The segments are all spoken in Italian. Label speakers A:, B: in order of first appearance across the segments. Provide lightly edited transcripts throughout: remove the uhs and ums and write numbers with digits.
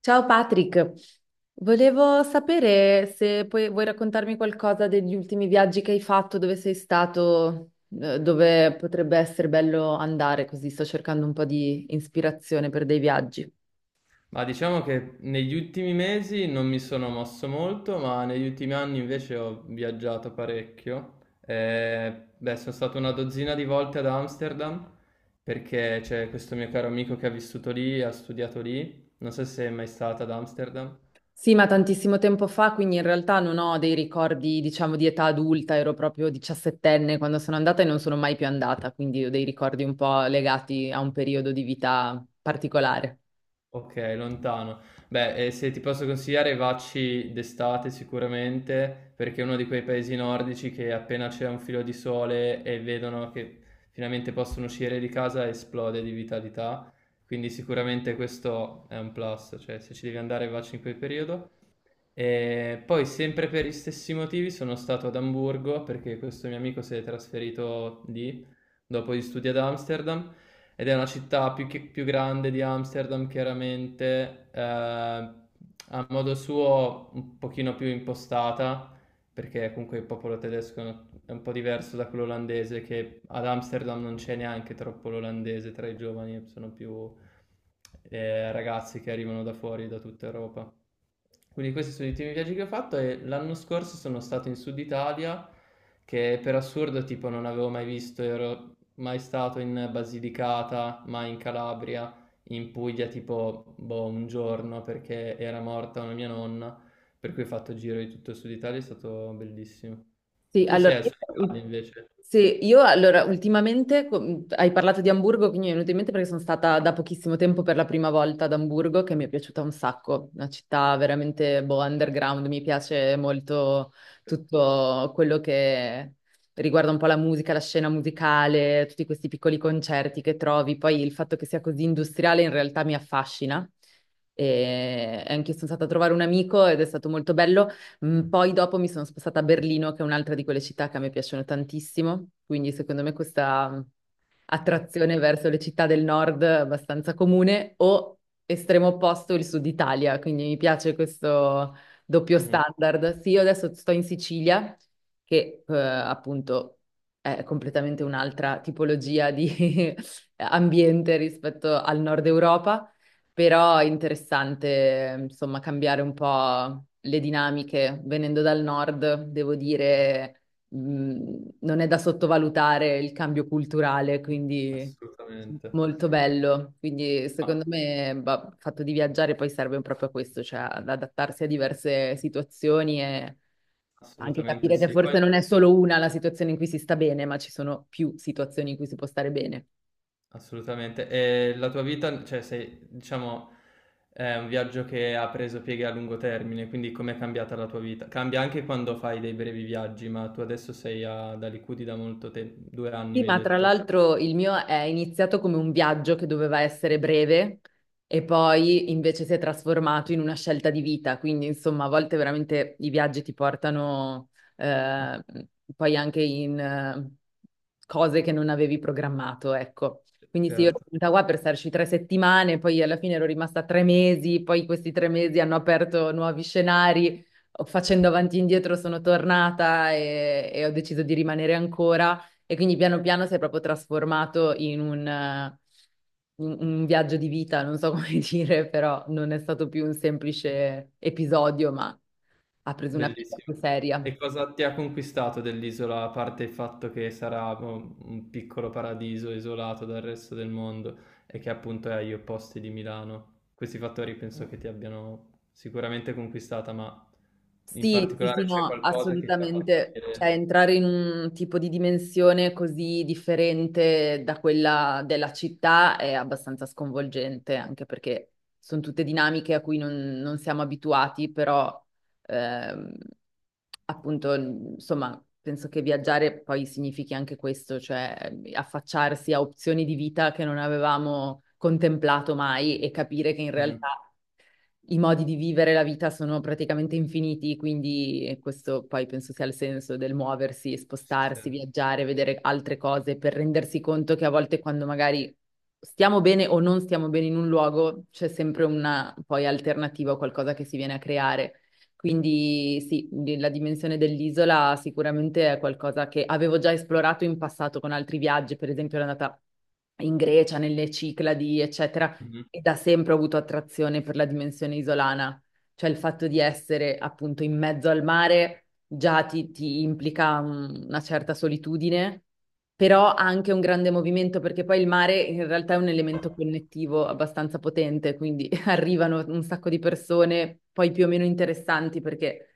A: Ciao Patrick, volevo sapere se vuoi raccontarmi qualcosa degli ultimi viaggi che hai fatto, dove sei stato, dove potrebbe essere bello andare, così sto cercando un po' di ispirazione per dei viaggi.
B: Ma diciamo che negli ultimi mesi non mi sono mosso molto, ma negli ultimi anni invece ho viaggiato parecchio. Beh, sono stato una dozzina di volte ad Amsterdam perché c'è questo mio caro amico che ha vissuto lì, ha studiato lì. Non so se sei mai stata ad Amsterdam.
A: Sì, ma tantissimo tempo fa, quindi in realtà non ho dei ricordi, diciamo, di età adulta, ero proprio diciassettenne quando sono andata e non sono mai più andata, quindi ho dei ricordi un po' legati a un periodo di vita particolare.
B: Okay, lontano. Beh, se ti posso consigliare vacci d'estate sicuramente, perché è uno di quei paesi nordici che appena c'è un filo di sole e vedono che finalmente possono uscire di casa esplode di vitalità, quindi sicuramente questo è un plus, cioè se ci devi andare vacci in quel periodo. E poi sempre per gli stessi motivi sono stato ad Amburgo perché questo mio amico si è trasferito lì dopo gli studi ad Amsterdam ed è una città più, più grande di Amsterdam chiaramente, a modo suo un pochino più impostata perché comunque il popolo tedesco è un po' diverso da quello olandese, che ad Amsterdam non c'è neanche troppo l'olandese tra i giovani, sono più ragazzi che arrivano da fuori, da tutta Europa. Quindi questi sono gli ultimi viaggi che ho fatto e l'anno scorso sono stato in Sud Italia, che per assurdo tipo non avevo mai visto, ero mai stato in Basilicata, mai in Calabria, in Puglia tipo boh, un giorno perché era morta una mia nonna, per cui ho fatto giro di tutto il Sud Italia, è stato bellissimo.
A: Sì,
B: Tu
A: allora,
B: sei al Sud
A: io,
B: Italia invece?
A: allora, ultimamente hai parlato di Amburgo, quindi mi è venuto in mente perché sono stata da pochissimo tempo per la prima volta ad Amburgo, che mi è piaciuta un sacco, una città veramente boh, underground, mi piace molto tutto quello che riguarda un po' la musica, la scena musicale, tutti questi piccoli concerti che trovi, poi il fatto che sia così industriale in realtà mi affascina. E anche io sono stata a trovare un amico ed è stato molto bello. Poi dopo mi sono spostata a Berlino, che è un'altra di quelle città che a me piacciono tantissimo, quindi secondo me questa
B: Ok.
A: attrazione verso le città del nord abbastanza comune, o estremo opposto il sud Italia, quindi mi piace questo doppio
B: Mhm,
A: standard. Sì, io adesso sto in Sicilia, che appunto è completamente un'altra tipologia di ambiente rispetto al nord Europa, però è interessante, insomma, cambiare un po' le dinamiche. Venendo dal nord, devo dire non è da sottovalutare il cambio culturale, quindi
B: assolutamente.
A: molto bello. Quindi
B: Ma
A: secondo me, bah, il fatto di viaggiare poi serve proprio a questo, cioè ad adattarsi a diverse situazioni e anche
B: assolutamente
A: capire che
B: sì. Poi
A: forse non è solo una la situazione in cui si sta bene, ma ci sono più situazioni in cui si può stare bene.
B: assolutamente. E la tua vita, cioè sei, diciamo, è un viaggio che ha preso pieghe a lungo termine, quindi com'è cambiata la tua vita? Cambia anche quando fai dei brevi viaggi, ma tu adesso sei ad Alicudi da molto tempo, due anni
A: Sì,
B: mi hai
A: ma tra
B: detto.
A: l'altro il mio è iniziato come un viaggio che doveva essere breve e poi invece si è trasformato in una scelta di vita, quindi insomma a volte veramente i viaggi ti portano eh, poi anche in cose che non avevi programmato, ecco. Quindi sì, io ero
B: Certo.
A: venuta qua per starci tre settimane, poi alla fine ero rimasta tre mesi, poi questi tre mesi hanno aperto nuovi scenari, facendo avanti e indietro sono tornata e ho deciso di rimanere ancora. E quindi piano piano si è proprio trasformato in un viaggio di vita, non so come dire, però non è stato più un semplice episodio, ma ha preso una piega più
B: Bellissimo.
A: seria.
B: E cosa ti ha conquistato dell'isola, a parte il fatto che sarà boh, un piccolo paradiso isolato dal resto del mondo e che appunto è agli opposti di Milano? Questi fattori penso che ti abbiano sicuramente conquistata, ma in
A: Sì, sì,
B: particolare
A: sì,
B: c'è
A: no,
B: qualcosa che ti ha fatto
A: assolutamente.
B: dire...
A: Cioè, entrare in un tipo di dimensione così differente da quella della città è abbastanza sconvolgente, anche perché sono tutte dinamiche a cui non siamo abituati, però ehm, appunto, insomma, penso che viaggiare poi significhi anche questo, cioè affacciarsi a opzioni di vita che non avevamo contemplato mai e capire che in
B: Mhm,
A: realtà i modi di vivere la vita sono praticamente infiniti, quindi questo poi penso sia il senso del muoversi,
B: sì, sì,
A: spostarsi, viaggiare, vedere altre cose per rendersi conto che a volte quando magari stiamo bene o non stiamo bene in un luogo, c'è sempre una poi alternativa o qualcosa che si viene a creare. Quindi sì, la dimensione dell'isola sicuramente è qualcosa che avevo già esplorato in passato con altri viaggi, per esempio ero andata in Grecia, nelle Cicladi, eccetera,
B: mhm.
A: e da sempre ho avuto attrazione per la dimensione isolana, cioè il fatto di essere appunto in mezzo al mare già ti implica una certa solitudine, però ha anche un grande movimento perché poi il mare in realtà è un elemento connettivo abbastanza potente, quindi arrivano un sacco di persone, poi più o meno interessanti perché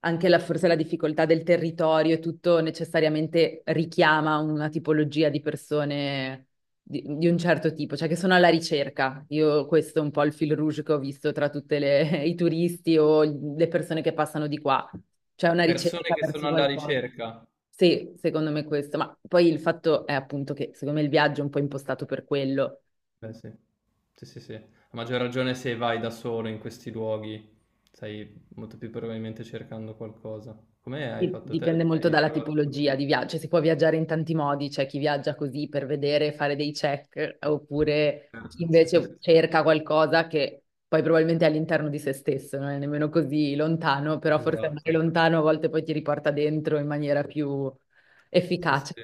A: anche forse la difficoltà del territorio e tutto necessariamente richiama una tipologia di persone di un certo tipo, cioè che sono alla ricerca. Io questo è un po' il fil rouge che ho visto tra tutti i turisti o le persone che passano di qua. C'è una
B: Persone
A: ricerca
B: che sono
A: verso
B: alla
A: qualcosa.
B: ricerca.
A: Sì, secondo me questo, ma poi il fatto è appunto che secondo me il viaggio è un po' impostato per quello.
B: Beh, sì. Sì, sì, sì. A maggior ragione se vai da solo in questi luoghi, stai molto più probabilmente cercando qualcosa. Come hai fatto te?
A: Dipende molto
B: Hai
A: dalla
B: trovato...
A: tipologia di viaggio. Cioè, si può viaggiare in tanti modi, c'è chi viaggia così per vedere, fare dei check, oppure chi
B: Sì, sì, sì, sì,
A: invece cerca qualcosa che poi probabilmente è all'interno di se stesso, non è nemmeno così lontano, però forse andare
B: esatto.
A: lontano a volte poi ti riporta dentro in maniera più
B: Sì, sì.
A: efficace.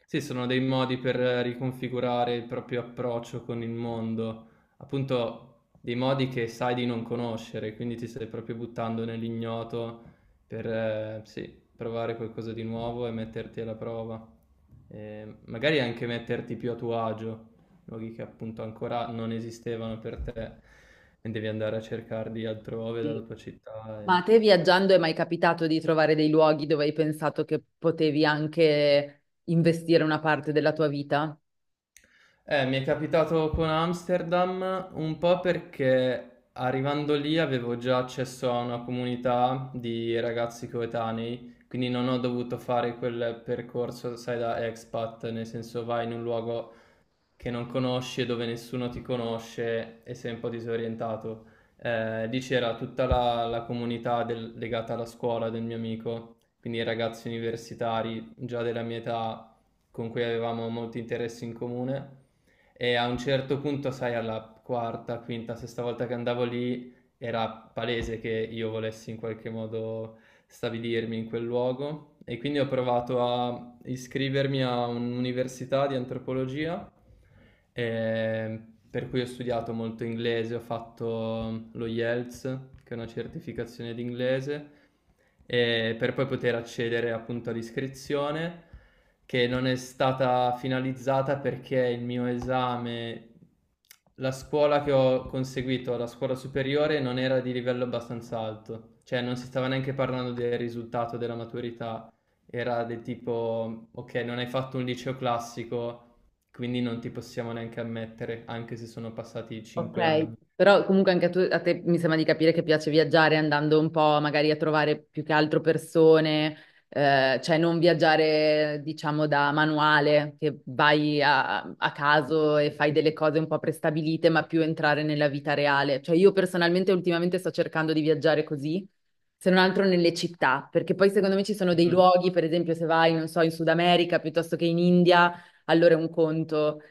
B: Sì, sono dei modi per riconfigurare il proprio approccio con il mondo, appunto dei modi che sai di non conoscere, quindi ti stai proprio buttando nell'ignoto per sì, provare qualcosa di nuovo e metterti alla prova. Magari anche metterti più a tuo agio, luoghi che appunto ancora non esistevano per te e devi andare a cercarli altrove dalla
A: Sì.
B: tua città.
A: Ma
B: E-
A: a te viaggiando è mai capitato di trovare dei luoghi dove hai pensato che potevi anche investire una parte della tua vita?
B: Mi è capitato con Amsterdam un po' perché arrivando lì avevo già accesso a una comunità di ragazzi coetanei, quindi non ho dovuto fare quel percorso, sai, da expat, nel senso vai in un luogo che non conosci e dove nessuno ti conosce e sei un po' disorientato. Lì c'era tutta la comunità del- legata alla scuola del mio amico, quindi i ragazzi universitari già della mia età con cui avevamo molti interessi in comune e a un certo punto, sai, alla quarta, quinta, sesta volta che andavo lì era palese che io volessi in qualche modo stabilirmi in quel luogo e quindi ho provato a iscrivermi a un'università di antropologia, eh, per cui ho studiato molto inglese, ho fatto lo IELTS, che è una certificazione di inglese, per poi poter accedere appunto all'iscrizione, che non è stata finalizzata perché il mio esame, la scuola che ho conseguito alla scuola superiore non era di livello abbastanza alto, cioè non si stava neanche parlando del risultato della maturità, era del tipo, ok, non hai fatto un liceo classico, quindi non ti possiamo neanche ammettere, anche se sono passati cinque
A: Ok,
B: anni.
A: però comunque anche a te mi sembra di capire che piace viaggiare andando un po' magari a trovare più che altro persone, cioè non viaggiare diciamo da manuale, che vai a caso e fai delle cose un po' prestabilite, ma più entrare nella vita reale. Cioè io personalmente ultimamente sto cercando di viaggiare così, se non altro nelle città, perché poi secondo me ci sono dei
B: Mm.
A: luoghi, per esempio se vai, non so, in Sud America piuttosto che in India, allora è un conto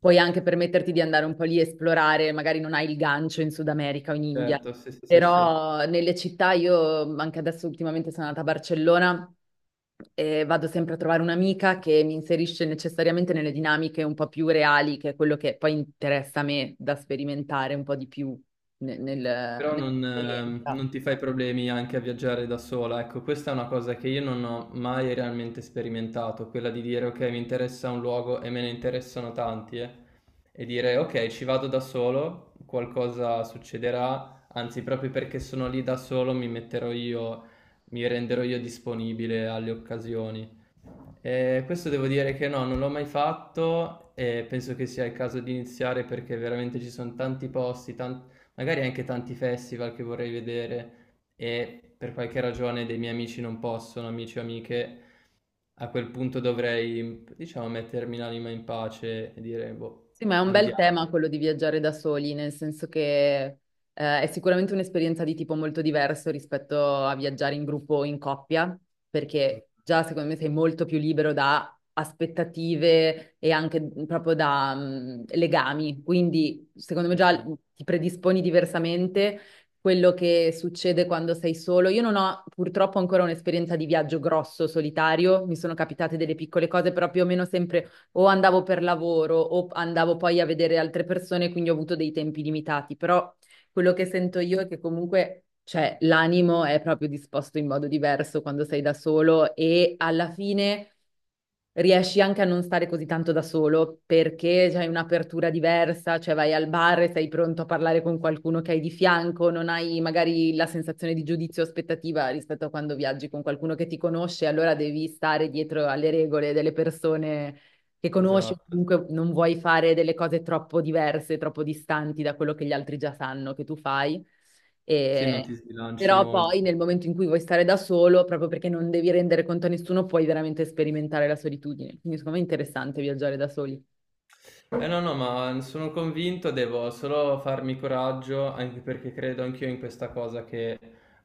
A: puoi anche permetterti di andare un po' lì e esplorare, magari non hai il gancio in Sud America o in India,
B: Certo, sì, sì, sì, sì.
A: però nelle città io anche adesso ultimamente sono andata a Barcellona e vado sempre a trovare un'amica che mi inserisce necessariamente nelle dinamiche un po' più reali, che è quello che poi interessa a me da sperimentare un po' di più ne- nel-
B: Però non,
A: nell'esperienza.
B: non ti fai problemi anche a viaggiare da sola, ecco, questa è una cosa che io non ho mai realmente sperimentato, quella di dire ok, mi interessa un luogo e me ne interessano tanti, e dire ok, ci vado da solo, qualcosa succederà, anzi proprio perché sono lì da solo mi metterò io, mi renderò io disponibile alle occasioni. Questo devo dire che no, non l'ho mai fatto e penso che sia il caso di iniziare perché veramente ci sono tanti posti, tan- magari anche tanti festival che vorrei vedere e per qualche ragione dei miei amici non possono, amici o amiche, a quel punto dovrei, diciamo, mettermi l'anima in pace e dire, boh,
A: Sì, ma è un bel
B: andiamo.
A: tema quello di viaggiare da soli, nel senso che è sicuramente un'esperienza di tipo molto diverso rispetto a viaggiare in gruppo o in coppia, perché già
B: Assolutamente
A: secondo me sei molto più libero da aspettative e anche proprio da legami, quindi secondo me
B: sì.
A: già ti predisponi diversamente. Quello che succede quando sei solo. Io non ho purtroppo ancora un'esperienza di viaggio grosso, solitario, mi sono capitate delle piccole cose, però più o meno sempre o andavo per lavoro o andavo poi a vedere altre persone, quindi ho avuto dei tempi limitati, però quello che sento io è che comunque, cioè, l'animo è proprio disposto in modo diverso quando sei da solo e alla fine riesci anche a non stare così tanto da solo perché hai un'apertura diversa, cioè vai al bar e sei pronto a parlare con qualcuno che hai di fianco, non hai magari la sensazione di giudizio o aspettativa rispetto a quando viaggi con qualcuno che ti conosce, allora devi stare dietro alle regole delle persone che conosci, o
B: Esatto.
A: comunque non vuoi fare delle cose troppo diverse, troppo distanti da quello che gli altri già sanno che tu fai.
B: Sì, non ti
A: E...
B: sbilanci
A: Però
B: molto.
A: poi nel momento in cui vuoi stare da solo, proprio perché non devi rendere conto a nessuno, puoi veramente sperimentare la solitudine. Quindi secondo me è interessante viaggiare da soli.
B: Eh no, no, ma sono convinto, devo solo farmi coraggio, anche perché credo anch'io in questa cosa che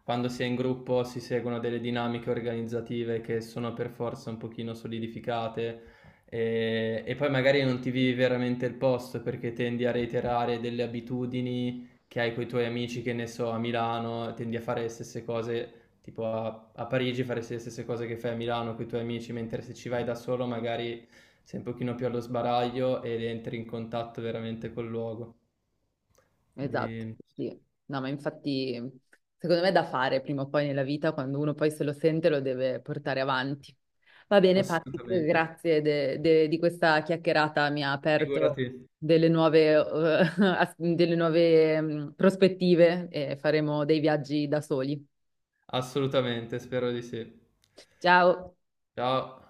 B: quando si è in gruppo si seguono delle dinamiche organizzative che sono per forza un pochino solidificate e poi magari non ti vivi veramente il posto perché tendi a reiterare delle abitudini che hai con i tuoi amici, che ne so, a Milano, tendi a fare le stesse cose tipo a Parigi faresti le stesse cose che fai a Milano con i tuoi amici, mentre se ci vai da solo magari sei un pochino più allo sbaraglio ed entri in contatto veramente col luogo.
A: Esatto,
B: Quindi
A: sì. No, ma infatti secondo me è da fare prima o poi nella vita, quando uno poi se lo sente lo deve portare avanti. Va bene, Patrick,
B: assolutamente,
A: grazie di questa chiacchierata, mi ha aperto
B: figurati,
A: delle nuove, delle nuove prospettive e faremo dei viaggi da soli.
B: assolutamente, spero di sì.
A: Ciao!
B: Ciao.